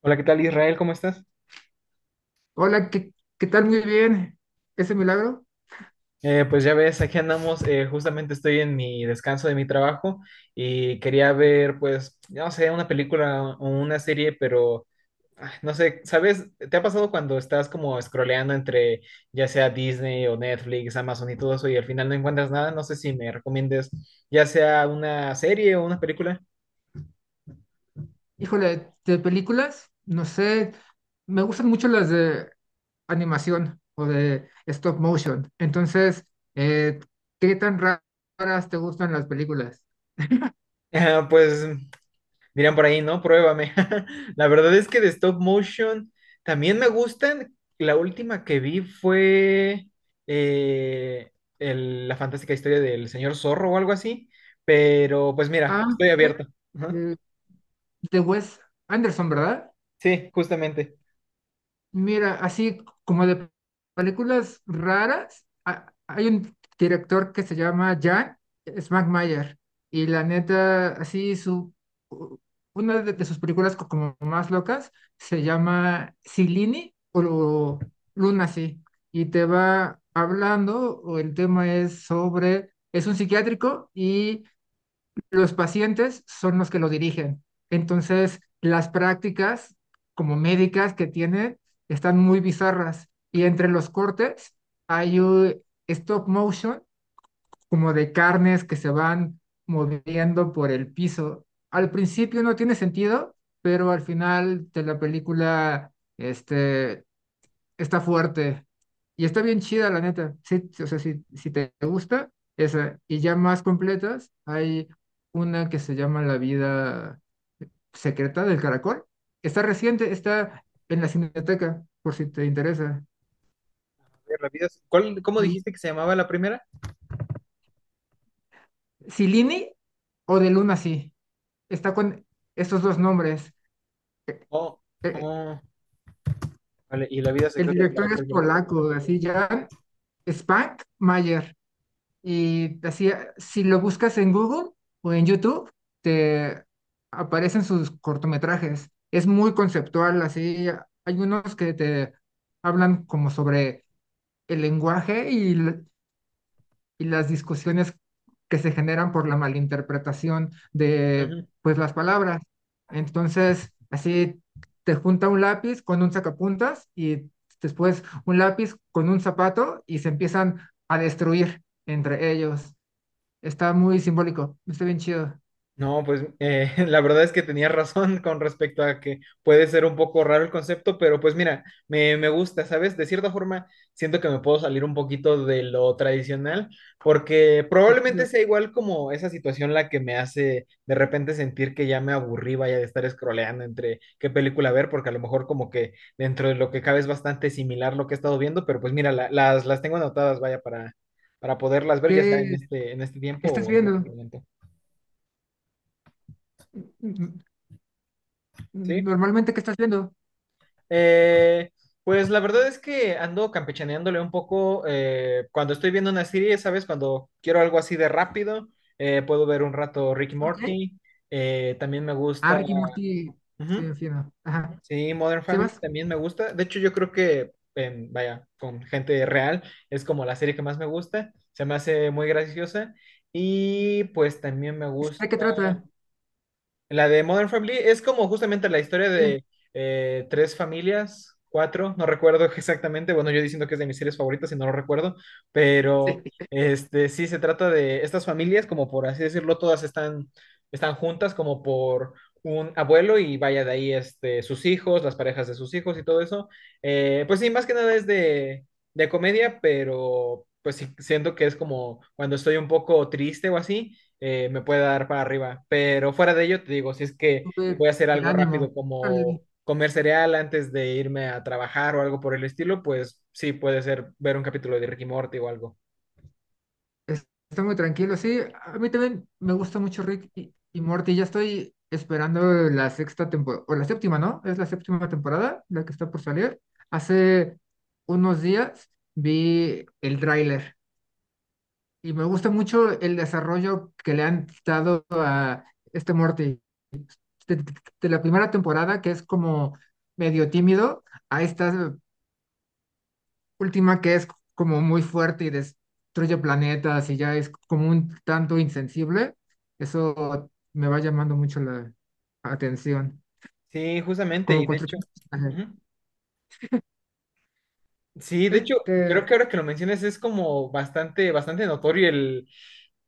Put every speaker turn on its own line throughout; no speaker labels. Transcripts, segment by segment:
Hola, ¿qué tal Israel? ¿Cómo estás?
Hola, ¿qué tal? Muy bien. ¿Ese milagro?
Pues ya ves, aquí andamos, justamente estoy en mi descanso de mi trabajo y quería ver, pues, no sé, una película o una serie, pero no sé, ¿sabes? ¿Te ha pasado cuando estás como scrolleando entre ya sea Disney o Netflix, Amazon y todo eso y al final no encuentras nada? No sé si me recomiendes ya sea una serie o una película.
Híjole, de películas, no sé, me gustan mucho las de animación o de stop motion. Entonces, eh, ¿qué tan ra- raras te gustan las películas?
Pues dirían por ahí, ¿no? Pruébame. La verdad es que de stop motion también me gustan. La última que vi fue eh, la fantástica historia del señor Zorro o algo así. Pero pues mira,
Ah,
estoy
ok,
abierto. Ajá.
de, de Wes Anderson, ¿verdad?
Sí, justamente.
Mira, así como de películas raras, hay un director que se llama Jan Smackmayer y la neta, u- una de sus películas como más locas se llama Luna, sí, y te va hablando, o el tema es sobre, es un psiquiátrico y los pacientes son los que lo dirigen. Entonces, las prácticas como médicas que tienen están muy bizarras. Y entre los cortes hay un stop motion como de carnes que se van moviendo por el piso. Al principio no tiene sentido, pero al final de la película este, está fuerte y está bien chida, la neta. Sí, sí, o sea, si te gusta, esa. Y ya más completas, hay una que se llama La vida secreta del caracol. Está reciente, está en la Cineteca, por si te interesa.
Cómo
Hay
dijiste que se llamaba la primera?
Silini o de Luna, sí. Está con estos dos nombres. Eh,
Oh,
eh,
oh, vale, y la vida
El
secreta del
director es
caracol, ¿verdad?
polaco, así, Jan Spank Mayer. Y así, si lo buscas en Google o en YouTube, te aparecen sus cortometrajes. Es muy conceptual, así. Hay unos que te hablan como sobre el lenguaje y las discusiones que se generan por la malinterpretación de,
Ujú.
pues, las palabras. Entonces, así te junta un lápiz con un sacapuntas y después un lápiz con un zapato y se empiezan a destruir entre ellos. Está muy simbólico, está bien chido.
No, pues la verdad es que tenías razón con respecto a que puede ser un poco raro el concepto, pero pues mira, me gusta, ¿sabes? De cierta forma, siento que me puedo salir un poquito de lo tradicional, porque
Qué
probablemente
chido.
sea igual como esa situación la que me hace de repente sentir que ya me aburrí, vaya, de estar scrolleando entre qué película ver, porque a lo mejor como que dentro de lo que cabe es bastante similar lo que he estado viendo, pero pues mira, las tengo anotadas, vaya, para poderlas ver, ya sea
¿Qué
en este tiempo
estás
o en este
viendo?
momento.
N-
¿Sí?
Normalmente, ¿qué estás viendo?
Eh, pues la verdad es que ando campechaneándole un poco cuando estoy viendo una serie, ¿sabes? Cuando quiero algo así de rápido, puedo ver un rato Rick y
Ok.
Morty. También me
Ah,
gusta.
Rick y Morty,
Ujú.
está bien fino. Ajá.
Sí, Modern Family
¿Sebas?
también me gusta. De hecho, yo creo que, vaya, con gente real, es como la serie que más me gusta. Se me hace muy graciosa. Y pues también me gusta.
¿De qué trata?
La de Modern Family es como justamente la historia
Sí.
de tres familias, cuatro, no recuerdo exactamente. Bueno, yo diciendo que es de mis series favoritas y no lo recuerdo,
Sí.
pero este sí se trata de estas familias, como por así decirlo, todas están, están juntas, como por un abuelo y vaya de ahí este, sus hijos, las parejas de sus hijos y todo eso. Pues sí, más que nada es de, comedia, pero pues sí, siento que es como cuando estoy un poco triste o así me puede dar para arriba. Pero fuera de ello, te digo, si es que
Tuve
voy a hacer
el
algo rápido
ánimo. Órale.
como comer cereal antes de irme a trabajar o algo por el estilo, pues sí, puede ser ver un capítulo de Ricky Morty o algo.
Es- Está muy tranquilo, sí. A mí también me gusta mucho Rick y Morty. Ya estoy esperando la sexta temporada, o la séptima, ¿no? Es la séptima temporada, la que está por salir. Hace unos días vi el tráiler. Y me gusta mucho el desarrollo que le han dado a este Morty. De, de la primera temporada, que es como medio tímido, a esta última que es como muy fuerte y destruye planetas y ya es como un tanto insensible. Eso me va llamando mucho la atención.
Sí, justamente,
Como
y de hecho...
construcción de personaje.
Ujú. Sí,
Sí,
de hecho, creo que ahora que lo mencionas es como bastante, bastante notorio el,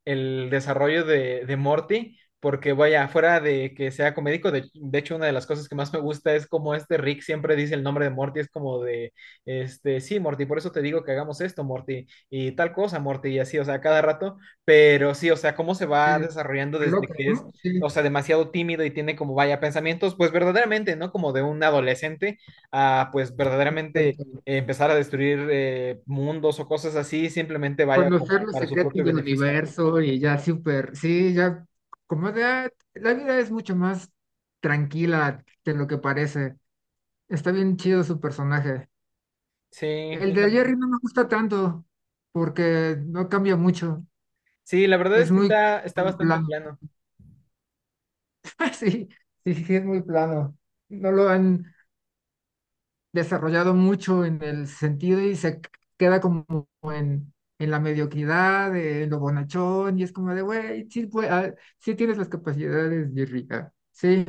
el desarrollo de Morty, porque vaya, fuera de que sea comédico, de hecho una de las cosas que más me gusta es como este Rick siempre dice el nombre de Morty, es como de, este, sí, Morty, por eso te digo que hagamos esto, Morty, y tal cosa, Morty, y así, o sea, cada rato, pero sí, o sea, cómo se va
te
desarrollando desde
aloca,
que es...
¿no? Sí,
O sea, demasiado tímido y tiene como vaya pensamientos, pues verdaderamente, ¿no? Como de un adolescente a pues verdaderamente
exacto.
empezar a destruir mundos o cosas así, simplemente vaya como
Conocer los
para su
secretos
propio
del
beneficio.
universo y ya súper, sí, ya como de, ah, la vida es mucho más tranquila de lo que parece. Está bien chido su personaje.
Sí,
El de
justamente.
Jerry no me gusta tanto porque no cambia mucho.
Sí, la verdad
Es
es que
muy
está, está bastante
plano.
plano.
Sí, sí, sí, es muy plano. No lo han desarrollado mucho en el sentido y se queda como en, en la mediocridad, en lo bonachón, y es como de, güey, sí, ah, sí tienes las capacidades, Jerry, ah, sí.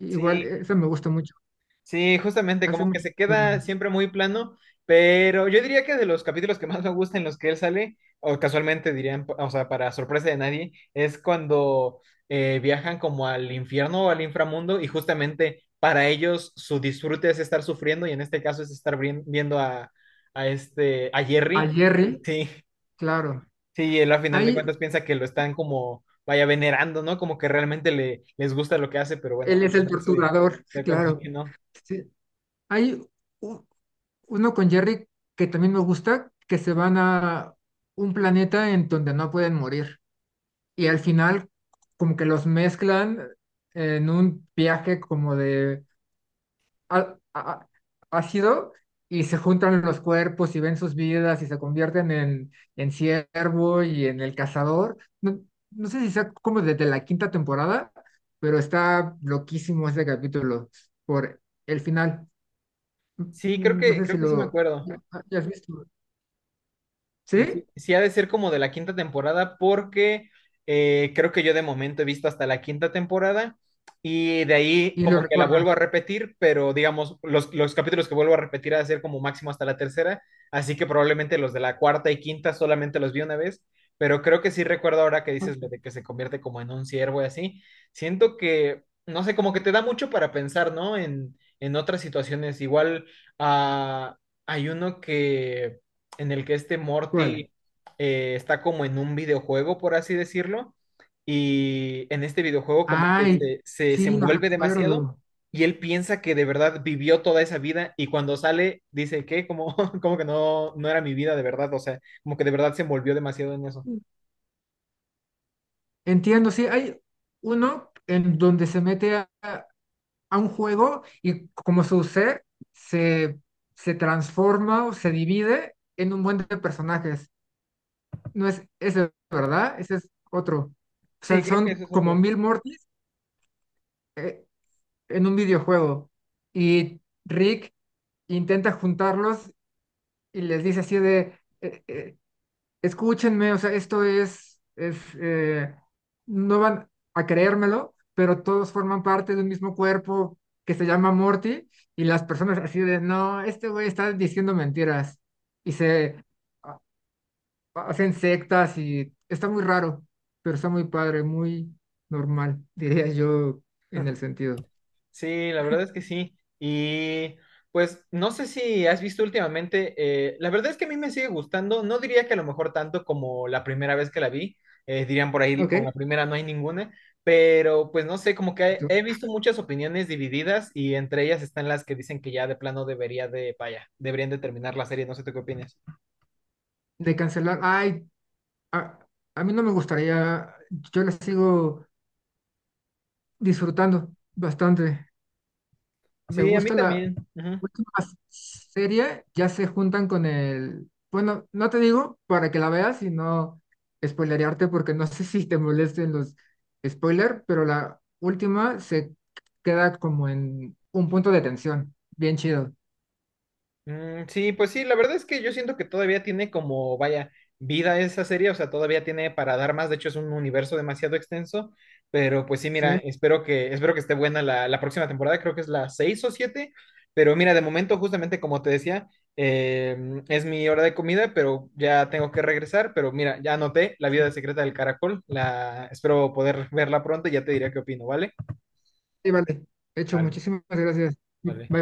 Igual,
Sí,
eso me gusta mucho.
sí, justamente,
Hace
como que
mucho
se queda
tiempo.
siempre muy plano, pero yo diría que de los capítulos que más me gustan en los que él sale, o casualmente dirían, o sea, para sorpresa de nadie, es cuando viajan como al infierno o al inframundo y justamente para ellos su disfrute es estar sufriendo y en este caso es estar viendo a, este, a
A
Jerry.
Jerry,
Sí.
claro.
Sí, él a final de
Ahí,
cuentas piensa que lo están como, vaya, venerando, ¿no? Como que realmente le, les gusta lo que hace, pero bueno,
él
al
es el
final se
torturador,
da cuenta de que
claro.
no.
Sí. Hay u- uno con Jerry que también me gusta, que se van a un planeta en donde no pueden morir. Y al final como que los mezclan en un viaje como de á- á- ácido y se juntan los cuerpos y ven sus vidas y se convierten en ciervo y en el cazador. No, no sé si sea como desde la quinta temporada, pero está loquísimo ese capítulo por el final.
Sí, creo
Mm, no
que,
sé
creo
si
que sí me
lo
acuerdo.
hayas visto.
Y
¿Sí?
sí, sí ha de ser como de la quinta temporada porque creo que yo de momento he visto hasta la quinta temporada y de ahí
Y lo
como que la
recuerdas.
vuelvo a repetir, pero digamos, los capítulos que vuelvo a repetir ha de ser como máximo hasta la tercera, así que probablemente los de la cuarta y quinta solamente los vi una vez, pero creo que sí recuerdo ahora que dices lo de que se convierte como en un ciervo y así, siento que, no sé, como que te da mucho para pensar, ¿no? En otras situaciones, igual ah, hay uno que en el que este
¿Cuál?
Morty está como en un videojuego, por así decirlo, y en este videojuego como que
Ay,
se,
sí, lo
desenvuelve demasiado
recuerdo.
y él piensa que de verdad vivió toda esa vida y cuando sale dice que como, como que no era mi vida de verdad, o sea, como que de verdad se envolvió demasiado en eso.
Entiendo, sí, hay uno en donde se mete a un juego y como su ser se, se transforma o se divide en un buen de personajes. No es ese, ¿verdad? Ese es otro. O
Sí,
sea,
creo que
son
eso es
como
otro.
mil Mortis eh, en un videojuego. Y Rick intenta juntarlos y les dice así de, escúchenme, o sea, esto es no van a creérmelo, pero todos forman parte de un mismo cuerpo que se llama Morty y las personas así de, no, este güey está diciendo mentiras y a- hacen sectas y está muy raro, pero está muy padre, muy normal, diría yo en el sentido.
Sí, la verdad es que sí. Y pues no sé si has visto últimamente, la verdad es que a mí me sigue gustando, no diría que a lo mejor tanto como la primera vez que la vi, dirían por ahí como la
Ok.
primera no hay ninguna, pero pues no sé, como que he, he
Tú-
visto muchas opiniones divididas y entre ellas están las que dicen que ya de plano debería de, vaya, deberían de terminar la serie, no sé tú qué opinas.
De cancelar, ay, a, a mí no me gustaría, yo la sigo disfrutando bastante. Me
Sí, a mí
gusta la
también. Ujú.
última serie, ya se juntan con el... Bueno, no te digo para que la veas, sino spoilerearte, porque no sé si te molesten los spoilers, pero la última se queda como en un punto de tensión. Bien chido.
Sí, pues sí, la verdad es que yo siento que todavía tiene como, vaya, vida esa serie, o sea, todavía tiene para dar más, de hecho es un universo demasiado extenso, pero pues sí, mira,
Sí,
espero que esté buena la, próxima temporada, creo que es la 6 o siete. Pero mira, de momento, justamente como te decía, eh, es mi hora de comida, pero ya tengo que regresar, pero mira, ya anoté La vida secreta del caracol, la, espero poder verla pronto y ya te diré qué opino, ¿vale?
sí, vale. Hecho,
Vale,
muchísimas gracias.
vale.